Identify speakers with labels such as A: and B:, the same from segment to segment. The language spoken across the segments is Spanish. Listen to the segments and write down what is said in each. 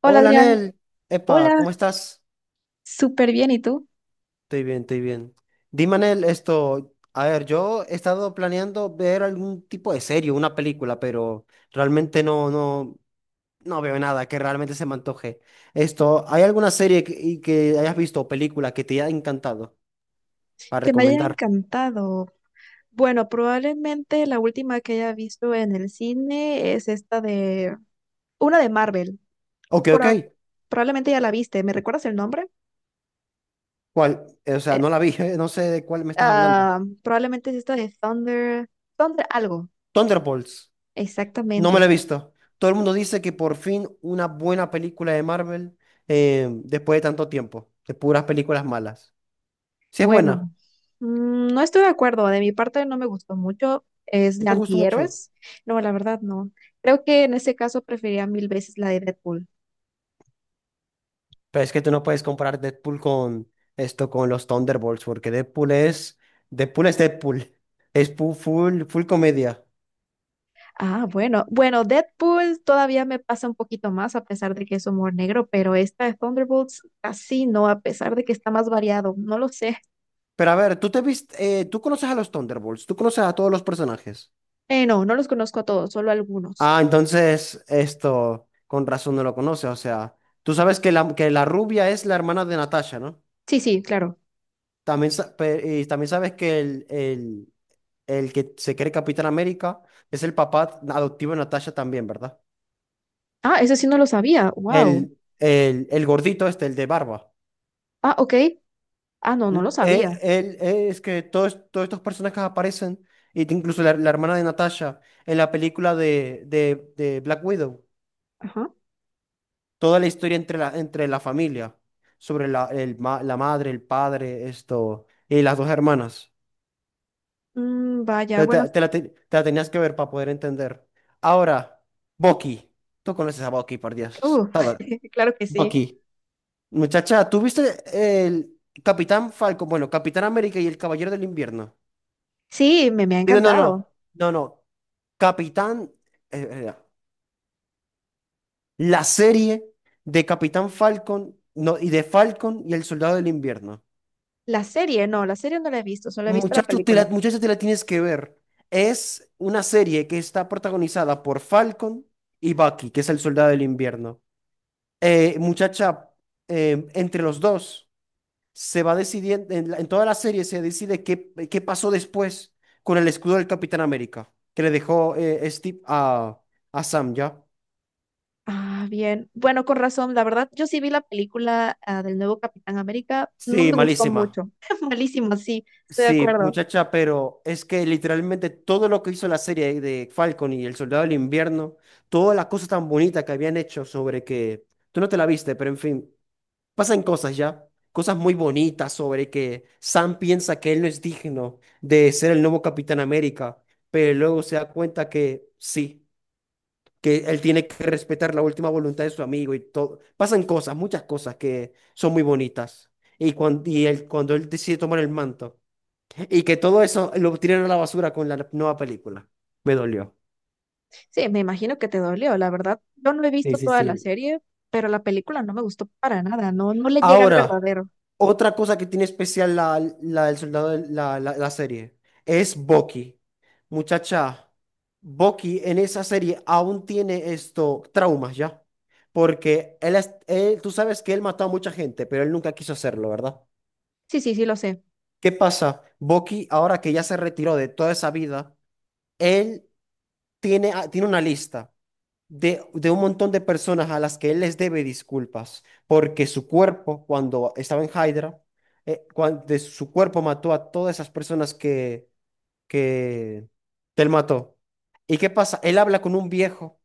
A: Hola
B: Hola,
A: Adrián,
B: Nel. Epa,
A: hola,
B: ¿cómo estás?
A: súper bien, ¿y tú?
B: Estoy bien, estoy bien. Dime, Nel, esto. A ver, yo he estado planeando ver algún tipo de serie, una película, pero realmente no veo nada que realmente se me antoje. ¿Hay alguna serie que hayas visto o película que te haya encantado para
A: Que me haya
B: recomendar?
A: encantado. Bueno, probablemente la última que haya visto en el cine es esta de... Una de Marvel.
B: Ok, ok.
A: Pro- probablemente ya la viste. ¿Me recuerdas el nombre?
B: ¿Cuál? O sea,
A: Eh,
B: no la vi, no sé de cuál me estás hablando.
A: probablemente es esta de Thunder... Thunder algo.
B: Thunderbolts. No me la
A: Exactamente.
B: he visto. Todo el mundo dice que por fin una buena película de Marvel después de tanto tiempo, de puras películas malas. Si es buena,
A: Bueno, no estoy de acuerdo. De mi parte no me gustó mucho. Es
B: no
A: de
B: te gustó mucho.
A: antihéroes. No, la verdad no. Creo que en ese caso preferiría mil veces la de Deadpool.
B: Pero es que tú no puedes comparar Deadpool con con los Thunderbolts, porque Deadpool. Es full, full, comedia.
A: Ah, bueno. Bueno, Deadpool todavía me pasa un poquito más a pesar de que es humor negro, pero esta de Thunderbolts casi no, a pesar de que está más variado. No lo sé.
B: Pero a ver, tú conoces a los Thunderbolts, tú conoces a todos los personajes.
A: No, no los conozco a todos, solo algunos.
B: Ah, entonces esto, con razón no lo conoces. O sea, tú sabes que la rubia es la hermana de Natasha, ¿no?
A: Sí, sí, claro.
B: También, y también sabes que el que se cree Capitán América es el papá adoptivo de Natasha también, ¿verdad?
A: Ah, eso sí no lo sabía. Wow.
B: El gordito este, el de barba.
A: Ah, ok. Ah, no, no lo sabía.
B: Él, es que todos estos personajes aparecen, y incluso la hermana de Natasha en la película de Black Widow.
A: Ajá.
B: Toda la historia entre la familia, sobre el la madre, el padre, y las dos hermanas.
A: Mm, vaya, bueno,
B: Te la tenías que ver para poder entender. Ahora, Bucky. Tú conoces a Bucky, por Dios.
A: uh,
B: Todo.
A: claro que sí.
B: Bucky. Muchacha, ¿tú viste el Capitán Falcon? Bueno, Capitán América y el Caballero del Invierno.
A: Sí, me ha
B: Digo, no,
A: encantado.
B: no. No, no. Capitán. eh, eh, la serie de Capitán Falcon no, y de Falcon y el Soldado del Invierno.
A: La serie, no, la serie no la he visto, solo he visto la
B: Muchacho,
A: película.
B: muchacho, te la tienes que ver. Es una serie que está protagonizada por Falcon y Bucky, que es el Soldado del Invierno. Muchacha, entre los dos, se va decidiendo. En toda la serie se decide qué pasó después con el escudo del Capitán América, que le dejó Steve a Sam, ¿ya?
A: Ah, bien. Bueno, con razón, la verdad, yo sí vi la película ah, del nuevo Capitán América, no
B: Sí,
A: me gustó
B: malísima.
A: mucho. Malísimo, sí, estoy de
B: Sí,
A: acuerdo.
B: muchacha, pero es que literalmente todo lo que hizo la serie de Falcon y El Soldado del Invierno, toda la cosa tan bonita que habían hecho sobre tú no te la viste, pero en fin. Pasan cosas ya, cosas muy bonitas sobre que Sam piensa que él no es digno de ser el nuevo Capitán América, pero luego se da cuenta que sí, que él tiene que respetar la última voluntad de su amigo y todo. Pasan cosas, muchas cosas que son muy bonitas. Cuando él decide tomar el manto y que todo eso lo tiran a la basura con la nueva película. Me dolió.
A: Sí, me imagino que te dolió, la verdad. Yo no he
B: Sí,
A: visto
B: sí,
A: toda la
B: sí.
A: serie, pero la película no me gustó para nada, no, no le llega al
B: Ahora,
A: verdadero.
B: otra cosa que tiene especial la, la del soldado, del- la serie, es Bucky. Muchacha, Bucky en esa serie aún tiene traumas ya. Porque tú sabes que él mató a mucha gente, pero él nunca quiso hacerlo, ¿verdad?
A: Sí, sí, sí, lo sé.
B: ¿Qué pasa? Bucky, ahora que ya se retiró de toda esa vida, él tiene, tiene una lista de un montón de personas a las que él les debe disculpas, porque su cuerpo, cuando estaba en Hydra, de su cuerpo mató a todas esas personas que, que él mató. ¿Y qué pasa? Él habla con un viejo,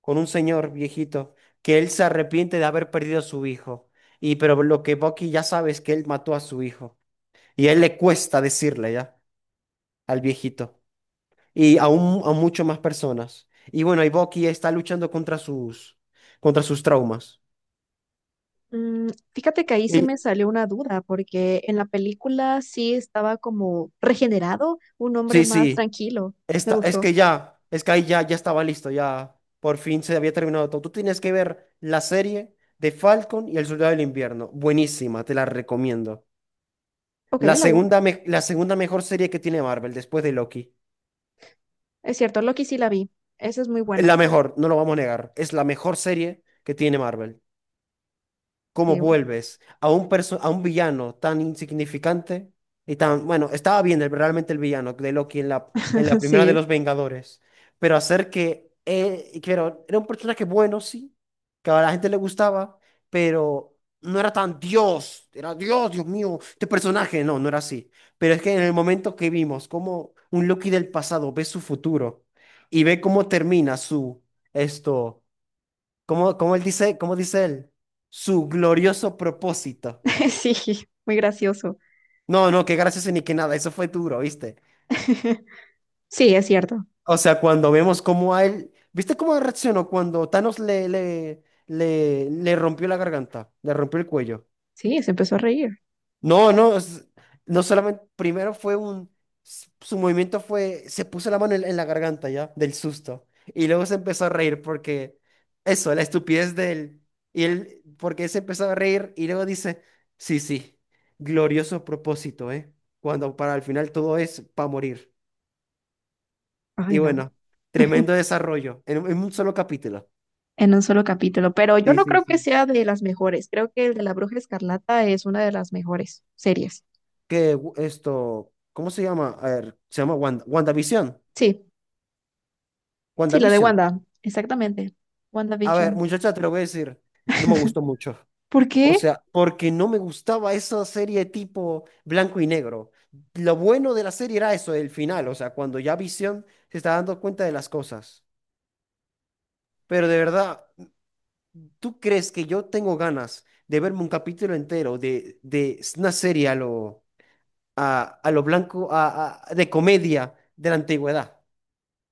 B: con un señor viejito, que él se arrepiente de haber perdido a su hijo. Y pero lo que Bucky ya sabe es que él mató a su hijo. Y a él le cuesta decirle ya al viejito y aún a mucho más personas. Y bueno, y Bucky está luchando contra sus traumas.
A: Mm, fíjate que ahí sí
B: Y
A: me salió una duda, porque en la película sí estaba como regenerado, un hombre
B: sí,
A: más
B: sí,
A: tranquilo. Me
B: esta, es
A: gustó.
B: que ya, es que ahí ya estaba listo, ya por fin se había terminado todo. Tú tienes que ver la serie de Falcon y el Soldado del Invierno. Buenísima, te la recomiendo.
A: Ok, la, bu-
B: La segunda mejor serie que tiene Marvel después de Loki.
A: es cierto, Loki sí la vi. Esa es muy
B: La
A: buena.
B: mejor, no lo vamos a negar, es la mejor serie que tiene Marvel. Cómo
A: Sí,
B: vuelves a a un villano tan insignificante y tan, bueno, estaba bien realmente el villano de Loki en la primera de
A: sí.
B: los Vengadores, pero hacer que, y claro, era un personaje bueno, sí, que a la gente le gustaba, pero no era tan Dios, era Dios, Dios mío, este personaje, no, no era así. Pero es que en el momento que vimos cómo un Loki del pasado ve su futuro y ve cómo termina su, esto. ¿Cómo, cómo él dice, cómo dice él? Su glorioso propósito.
A: Sí, muy gracioso.
B: No, no, qué gracioso ni qué nada, eso fue duro, ¿viste?
A: Sí, es cierto.
B: O sea, cuando vemos cómo a él, ¿viste cómo reaccionó cuando Thanos le rompió la garganta, le rompió el cuello?
A: Sí, se empezó a reír.
B: No, no, es- no solamente, primero fue su movimiento fue, se puso la mano en la garganta ya, del susto, y luego se empezó a reír porque, eso, la estupidez de él, y él, porque él se empezó a reír y luego dice, sí, sí, glorioso propósito, ¿eh? Cuando para el final todo es para morir. Y
A: Ay, no.
B: bueno, tremendo desarrollo, en un solo capítulo.
A: En un solo capítulo. Pero yo
B: Sí,
A: no
B: sí,
A: creo que
B: sí.
A: sea de las mejores. Creo que el de la Bruja Escarlata es una de las mejores series.
B: ¿Cómo se llama? A ver, se llama Wanda, WandaVision.
A: Sí, sí, la de
B: WandaVision.
A: Wanda. Exactamente.
B: A ver,
A: WandaVision.
B: muchacha, te lo voy a decir, no me gustó mucho.
A: ¿Por
B: O
A: qué?
B: sea, porque no me gustaba esa serie tipo blanco y negro. Lo bueno de la serie era eso, el final, o sea, cuando ya Visión se está dando cuenta de las cosas. Pero de verdad, ¿tú crees que yo tengo ganas de verme un capítulo entero de una serie a lo, a lo blanco, de comedia de la antigüedad?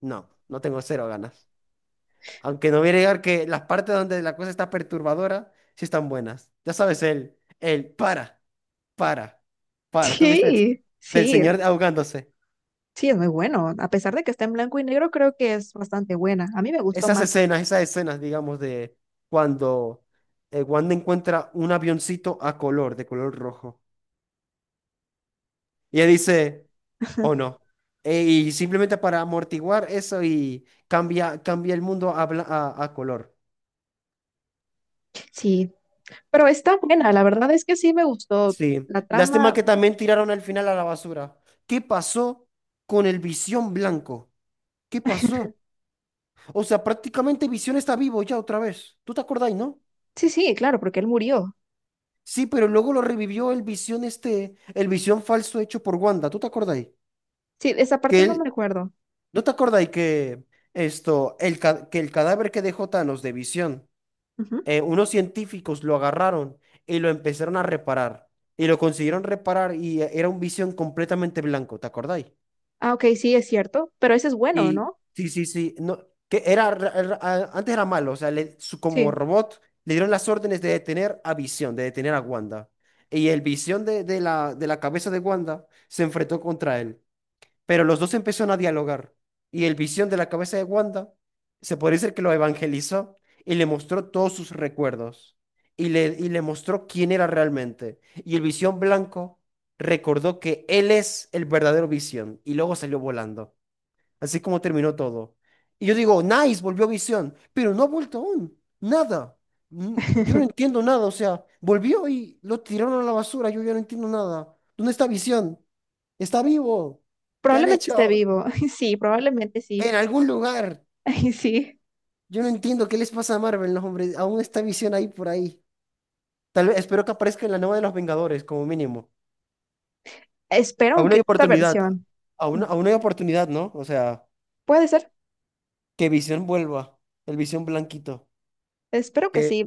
B: No, no tengo cero ganas. Aunque no voy a negar que las partes donde la cosa está perturbadora sí están buenas. Ya sabes, el para, para. ¿Tú viste eso?
A: Sí,
B: Del
A: sí,
B: señor ahogándose.
A: sí, es muy bueno. A pesar de que está en blanco y negro, creo que es bastante buena. A mí me gustó más.
B: Esas escenas, digamos, de cuando Wanda encuentra un avioncito a color, de color rojo. Y ella dice, o no. Y simplemente para amortiguar eso y cambia el mundo a, bla- a color.
A: Sí, pero está buena, la verdad es que sí me gustó
B: Sí,
A: la
B: lástima
A: trama.
B: que también tiraron al final a la basura. ¿Qué pasó con el Visión Blanco? ¿Qué pasó? O sea, prácticamente Visión está vivo ya otra vez. ¿Tú te acordáis, no?
A: Sí, sí, claro, porque él murió.
B: Sí, pero luego lo revivió el Visión este, el Visión falso hecho por Wanda. ¿Tú te acordáis?
A: Sí, esa parte
B: Que
A: no me
B: él,
A: acuerdo.
B: ¿no te acordáis que que el cadáver que dejó Thanos de Visión,
A: Ujú.
B: unos científicos lo agarraron y lo empezaron a reparar. Y lo consiguieron reparar y era un Visión completamente blanco, ¿te acordáis?
A: Ah, ok, sí, es cierto, pero ese es bueno,
B: Y
A: ¿no?
B: sí, sí, sí, no, que era, antes era malo, o sea, como
A: Sí.
B: robot le dieron las órdenes de detener a Visión, de detener a Wanda. Y el Visión de la cabeza de Wanda se enfrentó contra él, pero los dos empezaron a dialogar. Y el Visión de la cabeza de Wanda, se podría decir que lo evangelizó y le mostró todos sus recuerdos. Y le mostró quién era realmente. Y el Visión blanco recordó que él es el verdadero Visión y luego salió volando. Así es como terminó todo. Y yo digo, nice, volvió Visión, pero no ha vuelto aún. Nada. Mm, yo no entiendo nada. O sea, volvió y lo tiraron a la basura. Yo ya no entiendo nada. ¿Dónde está Visión? Está vivo. ¿Qué han
A: Probablemente esté
B: hecho?
A: vivo. Sí, probablemente sí.
B: En algún lugar.
A: Ay, sí.
B: Yo no entiendo qué les pasa a Marvel, los hombres. Aún está Visión ahí por ahí. Tal vez, espero que aparezca en la nueva de los Vengadores, como mínimo.
A: Espero
B: Aún
A: que
B: hay
A: esta
B: oportunidad.
A: versión. Mm,
B: Aún hay oportunidad, ¿no? O sea,
A: puede ser.
B: que Visión vuelva. El Visión blanquito.
A: Espero que sí.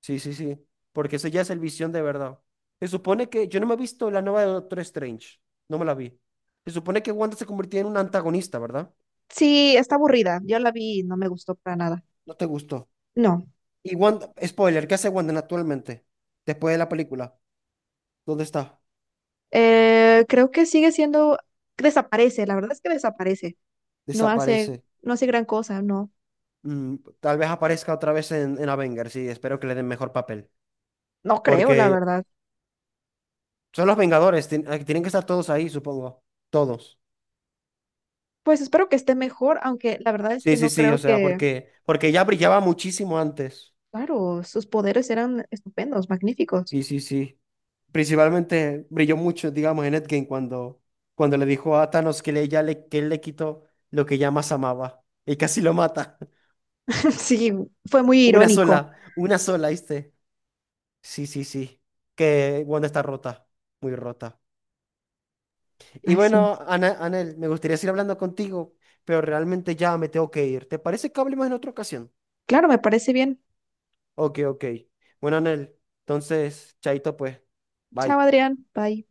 B: Sí, sí, sí. Porque ese ya es el Visión de verdad. Se supone que yo no me he visto la nueva de Doctor Strange. No me la vi. Se supone que Wanda se convirtió en un antagonista, ¿verdad?
A: Sí, está aburrida. Yo la vi y no me gustó para nada.
B: No te gustó.
A: No.
B: Y Wanda, spoiler, ¿qué hace Wanda actualmente? Después de la película. ¿Dónde está?
A: Creo que sigue siendo. Desaparece. La verdad es que desaparece. No hace,
B: Desaparece.
A: no hace gran cosa. No.
B: Mm, tal vez aparezca otra vez en Avengers, sí. Espero que le den mejor papel.
A: No creo, la
B: Porque
A: verdad.
B: son los Vengadores, tienen que estar todos ahí, supongo. Todos.
A: Pues espero que esté mejor, aunque la verdad es
B: Sí,
A: que
B: sí,
A: no
B: sí, o
A: creo
B: sea,
A: que
B: porque ya brillaba muchísimo antes.
A: claro, sus poderes eran estupendos, magníficos.
B: Sí, sí, sí. Principalmente brilló mucho, digamos, en Endgame cuando le dijo a Thanos que él le quitó lo que ya más amaba y casi lo mata.
A: Sí, fue muy irónico.
B: Una sola, ¿viste? Sí, sí, sí. Que Wanda está rota, muy rota. Y
A: Ay, sí.
B: bueno, Anel, me gustaría seguir hablando contigo, pero realmente ya me tengo que ir. ¿Te parece que hablemos en otra ocasión?
A: Claro, me parece bien.
B: Ok, ok. Bueno, Anel, entonces, chaito pues. Bye.
A: Chao, Adrián. Bye.